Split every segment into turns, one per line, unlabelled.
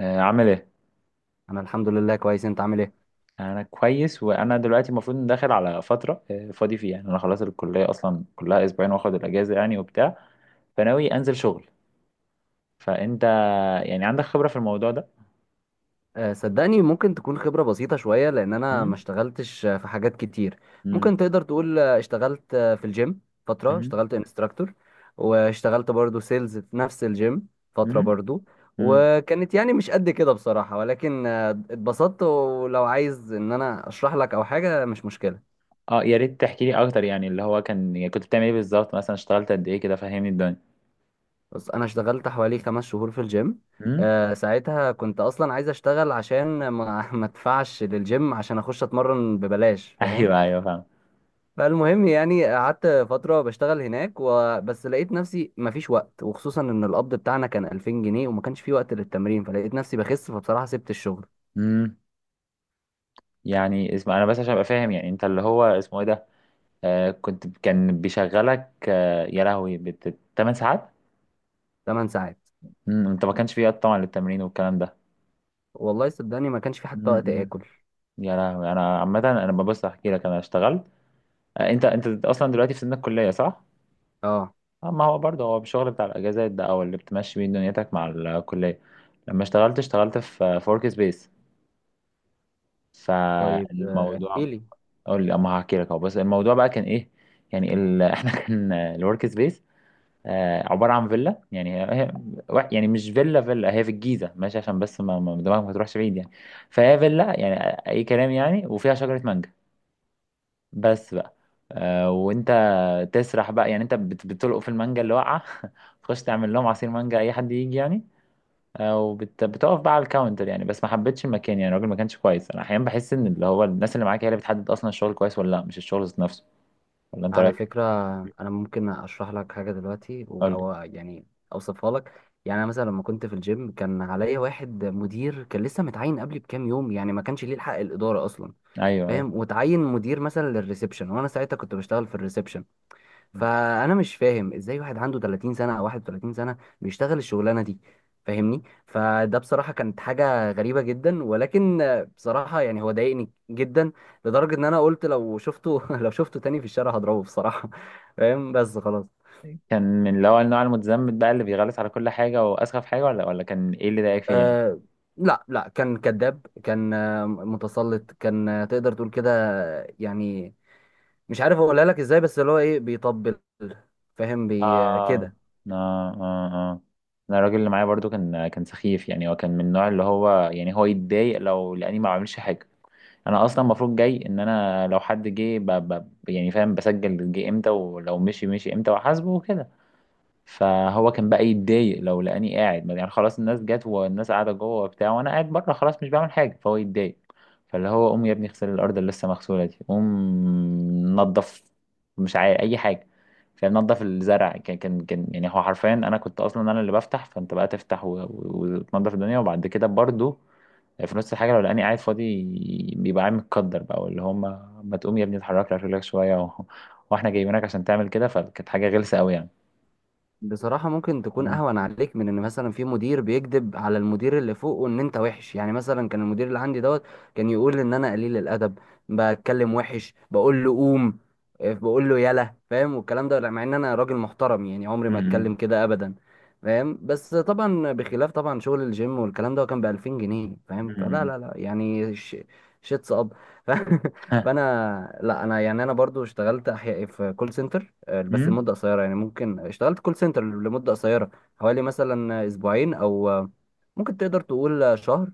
عامل ايه؟
انا الحمد لله كويس، انت عامل ايه؟
انا كويس، وانا دلوقتي المفروض داخل على فتره فاضي فيها، يعني انا خلاص الكليه اصلا كلها اسبوعين واخد الاجازه يعني وبتاع، فناوي انزل شغل. فانت يعني عندك خبره في الموضوع ده؟
أه، صدقني ممكن تكون خبرة بسيطة شوية لان انا
مم؟
ما اشتغلتش، في حاجات كتير.
مم.
ممكن تقدر تقول اشتغلت في الجيم فترة،
مم.
اشتغلت انستراكتور، واشتغلت برضو سيلز في نفس الجيم فترة
مم.
برضو.
مم.
وكانت يعني مش قد كده بصراحة، ولكن اتبسطت، ولو عايز ان انا اشرح لك او حاجة مش مشكلة.
اه، يا ريت تحكي لي اكتر، يعني اللي هو كان، يعني كنت بتعمل ايه بالظبط؟ مثلا اشتغلت قد ايه كده؟ فهمني الدنيا.
بس انا اشتغلت حوالي 5 شهور في الجيم.
مم؟
أه، ساعتها كنت اصلا عايز اشتغل عشان ما ما ادفعش للجيم عشان اخش اتمرن ببلاش، فاهم؟
ايوه ايوه، فاهم.
فالمهم يعني قعدت فتره بشتغل هناك، وبس لقيت نفسي مفيش وقت، وخصوصا ان القبض بتاعنا كان 2000 جنيه وما كانش في وقت للتمرين، فلقيت نفسي بخس، فبصراحه سبت الشغل.
مم. يعني اسمع، انا بس عشان ابقى فاهم، يعني انت اللي هو اسمه ايه ده، آه كنت كان بيشغلك يا لهوي 8 ساعات؟
8 ساعات.
مم، انت ما كانش في وقت طبعا للتمرين والكلام ده.
والله صدقني ما كانش في حتى
مم،
وقت
مم.
اكل.
يا لهوي. انا عامه انا ببص احكي لك، انا اشتغلت. انت اصلا دلوقتي في سن الكليه صح؟
اه،
ما هو برضه هو الشغل بتاع الاجازات ده او اللي بتمشي بيه دنيتك مع الكليه. لما اشتغلت في فورك سبيس،
طيب احكي
فالموضوع،
لي.
اقول لي اما هحكي لك اهو، بس الموضوع بقى كان ايه. احنا كان الورك سبيس عبارة عن فيلا، يعني يعني مش فيلا فيلا، هي في الجيزة، ماشي، عشان بس دماغك ما تروحش بعيد يعني. فهي فيلا يعني، أي كلام يعني، وفيها شجرة مانجا بس بقى. وأنت تسرح بقى، يعني أنت بتلقط في المانجا اللي واقعة تخش تعمل لهم عصير مانجا، أي حد يجي يعني. وبت- بتقف بقى على الكاونتر، يعني بس ما حبيتش المكان، يعني الراجل ما كانش كويس. أنا أحيانا بحس إن اللي هو الناس اللي معاك هي اللي بتحدد أصلا الشغل كويس ولا لأ، مش الشغل ذات نفسه. ولا أنت
على
راجل؟
فكرة، أنا ممكن أشرح لك حاجة دلوقتي
قول لي.
أو يعني أوصفها لك. يعني أنا مثلا لما كنت في الجيم كان عليا واحد مدير كان لسه متعين قبلي بكام يوم، يعني ما كانش ليه الحق الإدارة أصلا.
أيوه أيوه.
فاهم؟ وتعين مدير مثلا للريسبشن، وأنا ساعتها كنت بشتغل في الريسبشن. فانا مش فاهم ازاي واحد عنده 30 سنه او 31 سنه بيشتغل الشغلانه دي. فاهمني؟ فده بصراحه كانت حاجه غريبه جدا، ولكن بصراحه يعني هو ضايقني جدا، لدرجه ان انا قلت لو شفته لو شفته تاني في الشارع هضربه بصراحه، فاهم؟ بس خلاص.
كان من اللي هو النوع المتزمت بقى اللي بيغلس على كل حاجة وأسخف حاجة، ولا كان إيه اللي ضايقك فيه يعني؟
أه، لا لا، كان كذاب، كان متسلط، كان تقدر تقول كده. يعني مش عارف اقولها لك ازاي، بس اللي هو ايه بيطبل، فاهم؟ بي
آه
كده.
آه آه آه. أنا الراجل اللي معايا برضو كان سخيف، يعني هو كان من النوع اللي هو يعني هو يتضايق لو لأني ما بعملش حاجة. أنا أصلا المفروض جاي إن أنا لو حد جه يعني فاهم، بسجل جه إمتى ولو مشي مشي إمتى وأحاسبه وكده. فهو كان بقى يتضايق لو لقاني قاعد، يعني خلاص الناس جت والناس قاعده جوه وبتاع، وانا قاعد بره خلاص مش بعمل حاجه، فهو يتضايق. فاللي هو قوم يا ابني اغسل الارض اللي لسه مغسوله دي، قوم نظف، مش عارف اي حاجه، فنظف الزرع. كان يعني هو حرفيا، انا كنت اصلا انا اللي بفتح، فانت بقى تفتح وتنظف الدنيا. وبعد كده برضو في نص الحاجه لو لقاني قاعد فاضي، بيبقى قاعد متقدر بقى، واللي هم ما تقوم يا ابني اتحرك لك رجلك شويه و... واحنا جايبينك عشان تعمل كده. فكانت حاجه غلسه قوي
بصراحة ممكن تكون
يعني.
أهون عليك من إن مثلا في مدير بيكذب على المدير اللي فوقه إن أنت وحش. يعني مثلا كان المدير اللي عندي دوت كان يقول إن أنا قليل الأدب، بتكلم وحش، بقول له قوم، إيه، بقول له يلا، فاهم؟ والكلام ده مع إن أنا راجل محترم، يعني عمري ما
امم.
أتكلم كده أبدا. فاهم؟ بس طبعا بخلاف طبعا شغل الجيم والكلام ده كان بألفين جنيه، فاهم؟ فلا
امم.
لا لا يعني شيتس أب ف...
ها.
فأنا لا، أنا يعني أنا برضو اشتغلت أحياء في كول سنتر، بس
امم.
لمدة قصيرة. يعني ممكن اشتغلت كول سنتر لمدة قصيرة، حوالي مثلا أسبوعين أو ممكن تقدر تقول شهر.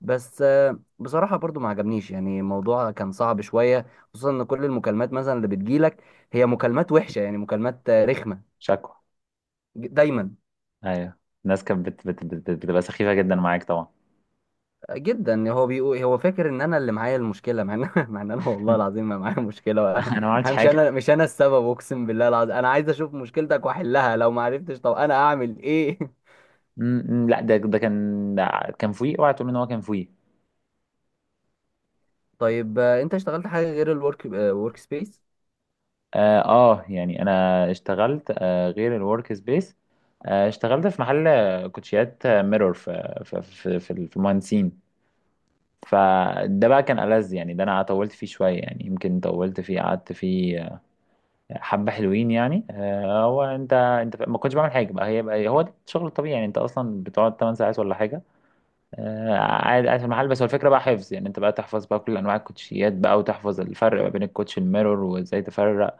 بس بصراحة برضو ما عجبنيش، يعني الموضوع كان صعب شوية، خصوصا إن كل المكالمات مثلا اللي بتجيلك هي مكالمات وحشة، يعني مكالمات رخمة
شكوى.
دايما،
ايوه. الناس كانت بتبقى سخيفه جدا معاك طبعا.
جدا. هو بيقول هو فاكر ان انا اللي معايا المشكله، مع ان مع ان انا والله العظيم ما معايا مشكله
انا ما عملتش
مش
حاجه.
انا، مش انا السبب، اقسم بالله العظيم، انا عايز اشوف مشكلتك واحلها، لو ما عرفتش طب انا اعمل ايه؟
امم، لا، ده كان فوقي، اوعى تقول ان هو كان فوقي.
طيب انت اشتغلت حاجه غير ورك سبيس؟
يعني انا اشتغلت غير الورك سبيس. اشتغلت في محل كوتشيات ميرور في المهندسين. فده بقى كان ألذ، يعني ده انا طولت فيه شويه، يعني يمكن طولت فيه، قعدت فيه حبة حلوين يعني. هو انت ما كنتش بعمل حاجة بقى، هي بقى هو ده الشغل الطبيعي، يعني انت اصلا بتقعد 8 ساعات ولا حاجة. قاعد قاعد في المحل، بس هو الفكرة بقى حفظ، يعني انت بقى تحفظ بقى كل انواع الكوتشيات بقى، وتحفظ الفرق ما بين الكوتش الميرور وازاي تفرق،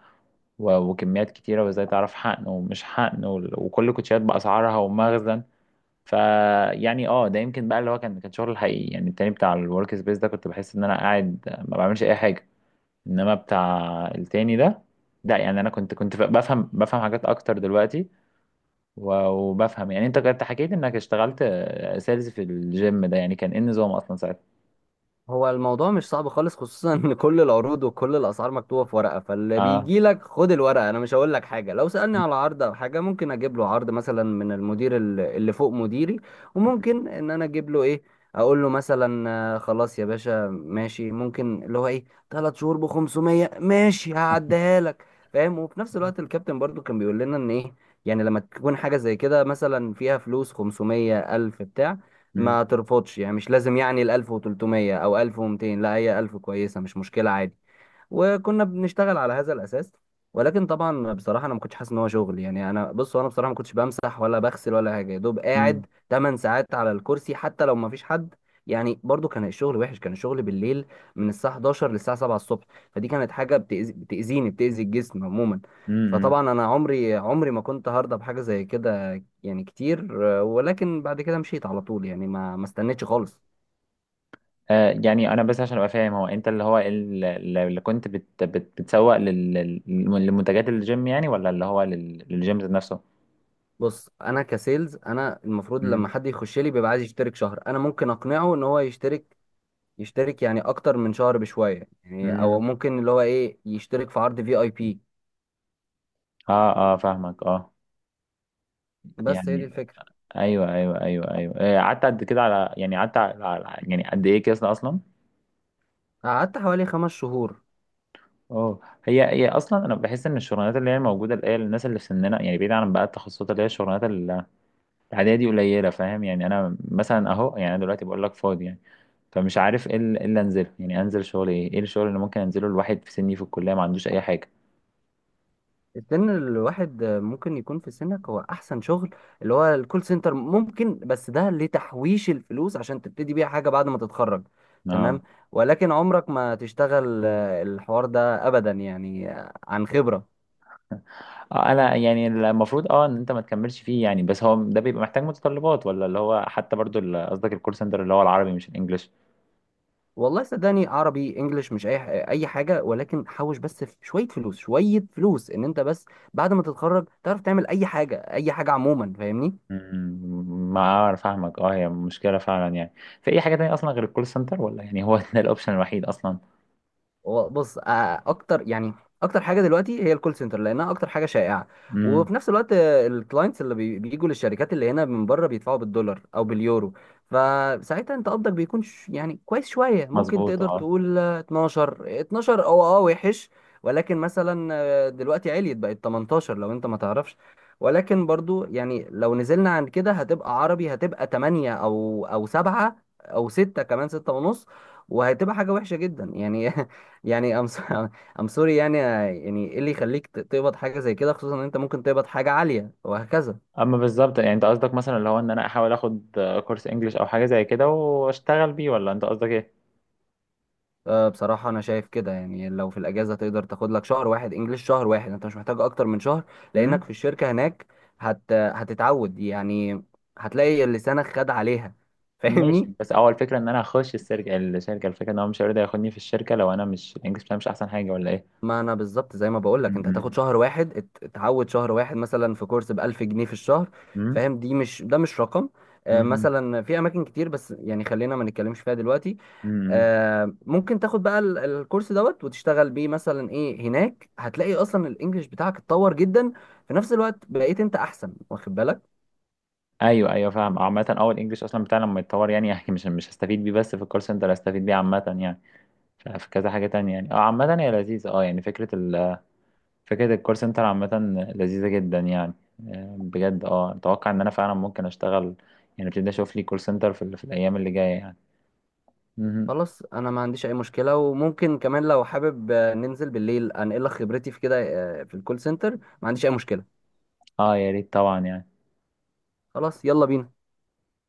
وكميات كتيرة وازاي تعرف حقن ومش حقن وكل الكوتشيات بأسعارها ومخزن. فيعني اه ده يمكن بقى اللي هو كان شغل الحقيقي، يعني التاني بتاع الورك سبيس ده كنت بحس ان انا قاعد ما بعملش اي حاجة. انما بتاع التاني ده لا، يعني انا كنت بفهم حاجات اكتر دلوقتي، وبفهم. يعني انت كنت حكيت انك اشتغلت سيلز في الجيم ده، يعني كان ايه النظام اصلا ساعتها؟
هو الموضوع مش صعب خالص، خصوصا ان كل العروض وكل الاسعار مكتوبه في ورقه. فاللي
اه.
بيجي لك خد الورقه، انا مش هقول لك حاجه. لو سالني على عرض او حاجه ممكن اجيب له عرض مثلا من المدير اللي فوق مديري، وممكن ان انا اجيب له ايه، اقول له مثلا خلاص يا باشا ماشي، ممكن اللي هو ايه، 3 شهور ب 500 ماشي هعديها لك، فاهم؟ وفي نفس الوقت الكابتن برضو كان بيقول لنا ان ايه، يعني لما تكون حاجه زي كده مثلا فيها فلوس، 500 الف بتاع،
مم.
ما ترفضش، يعني مش لازم يعني ال 1300 او 1200، لا هي 1000 كويسة، مش مشكلة، عادي. وكنا بنشتغل على هذا الاساس. ولكن طبعا بصراحه انا ما كنتش حاسس ان هو شغل، يعني انا بص، انا بصراحه ما كنتش بمسح ولا بغسل ولا حاجه، يا دوب قاعد
مم.
8 ساعات على الكرسي حتى لو ما فيش حد. يعني برضو كان الشغل وحش، كان الشغل بالليل من الساعه 11 للساعه 7 الصبح، فدي كانت حاجه بتأذي، بتاذيني، بتاذي الجسم عموما.
مم.
فطبعا انا عمري عمري ما كنت هرضى بحاجه زي كده، يعني كتير. ولكن بعد كده مشيت على طول، يعني ما استنيتش خالص.
يعني انا بس عشان ابقى فاهم، هو انت اللي هو اللي كنت بت بت بتسوق لمنتجات الجيم، يعني ولا اللي هو للجيم ذات نفسه؟
بص انا كسيلز انا المفروض
مم.
لما حد يخش لي بيبقى عايز يشترك شهر، انا ممكن اقنعه ان هو يشترك، يشترك يعني اكتر من شهر بشويه، يعني او
مم.
ممكن اللي هو ايه يشترك في عرض في اي بي.
اه اه فاهمك، اه.
بس هي دي
يعني
الفكره.
ايوه ايوه ايوه ايوه، قعدت قد كده؟ على يعني قعدت يعني قد ايه كده اصلا؟
قعدت حوالي 5 شهور.
اه. هي اصلا انا بحس ان الشغلانات اللي هي موجوده اللي هي الناس اللي في سننا، يعني بعيد عن بقى التخصصات، اللي هي الشغلانات العاديه دي قليله فاهم، يعني انا مثلا اهو، يعني انا دلوقتي بقول لك فاضي يعني، فمش عارف ايه إيه اللي انزله، يعني انزل شغل ايه الشغل اللي ممكن انزله الواحد في سني في الكليه ما عندوش اي حاجه؟
السن الواحد ممكن يكون في سنك هو احسن شغل، اللي هو الكول سنتر ممكن، بس ده لتحويش الفلوس عشان تبتدي بيها حاجه بعد ما تتخرج.
اه.
تمام؟ ولكن عمرك ما تشتغل الحوار ده ابدا، يعني عن خبره.
اه، انا يعني المفروض اه ان انت ما تكملش فيه يعني، بس هو ده بيبقى محتاج متطلبات؟ ولا اللي هو حتى برضو قصدك الكول سنتر اللي هو العربي مش الانجليش؟
والله صدقني عربي انجليش مش اي حاجه، ولكن حوش بس في شويه فلوس شويه فلوس ان انت بس بعد ما تتخرج تعرف تعمل اي حاجه، اي حاجه عموما، فاهمني؟
مم، ما اعرف، فاهمك اه، هي مشكله فعلا يعني. في اي حاجه تانية اصلا غير الكول سنتر؟ ولا يعني هو ده الاوبشن الوحيد اصلا؟
هو بص اكتر يعني، اكتر حاجه دلوقتي هي الكول سنتر لانها اكتر حاجه شائعه.
امم.
وفي نفس الوقت الكلاينتس بيجوا للشركات اللي هنا من بره بيدفعوا بالدولار او باليورو. فساعتها انت قبضك بيكون يعني كويس شويه، ممكن
مظبوط
تقدر
اه.
تقول 12 12 او وحش. ولكن مثلا دلوقتي عليت بقت 18 لو انت ما تعرفش. ولكن برضو يعني لو نزلنا عن كده هتبقى عربي، هتبقى 8 او 7 او 6، كمان 6 ونص، وهتبقى حاجة وحشة جدا، يعني يعني ام ام سوري يعني، ايه اللي يخليك تقبض حاجه زي كده، خصوصا ان انت ممكن تقبض حاجه عاليه وهكذا.
اما بالظبط يعني انت قصدك مثلا اللي هو ان انا احاول اخد كورس انجليش او حاجه زي كده واشتغل بيه، ولا انت قصدك ايه؟
أه، بصراحه انا شايف كده، يعني لو في الاجازه تقدر تاخد لك شهر واحد انجليش، شهر واحد، انت مش محتاج اكتر من شهر. لانك
امم.
في الشركه هناك هتتعود يعني، هتلاقي لسانك خد عليها فاهمني؟
ماشي، بس اول فكره ان انا اخش الشركه، الفكره ان هو مش هيرضى ياخدني في الشركه لو انا مش الانجليش بتاعي مش احسن حاجه، ولا ايه؟
ما انا بالظبط زي ما بقول لك انت هتاخد
امم.
شهر واحد، اتعود شهر واحد مثلا في كورس ب 1000 جنيه في الشهر،
امم.
فاهم؟ دي مش ده مش رقم. مثلا في اماكن كتير، بس يعني خلينا ما نتكلمش فيها دلوقتي.
امم.
ممكن تاخد بقى الكورس دوت وتشتغل بيه مثلا ايه هناك، هتلاقي اصلا الانجليش بتاعك اتطور جدا، في نفس الوقت بقيت انت احسن واخد بالك.
ايوه ايوه، فاهم. عامه اه الانجليش اصلا بتاعنا لما يتطور يعني يعني مش هستفيد بيه، بس في الكول سنتر هستفيد بيه عامه يعني. في كذا حاجه تانية يعني، اه عامه هي لذيذه، اه يعني فكره فكره الكول سنتر عامه لذيذه جدا يعني. بجد اه اتوقع ان انا فعلا ممكن اشتغل، يعني ابتدي اشوف لي كول سنتر في الايام اللي جايه يعني. مهم.
خلاص انا ما عنديش اي مشكله، وممكن كمان لو حابب ننزل بالليل انقل لك خبرتي في كده، في الكول سنتر، ما عنديش اي مشكله.
اه يا ريت طبعا يعني.
خلاص يلا بينا.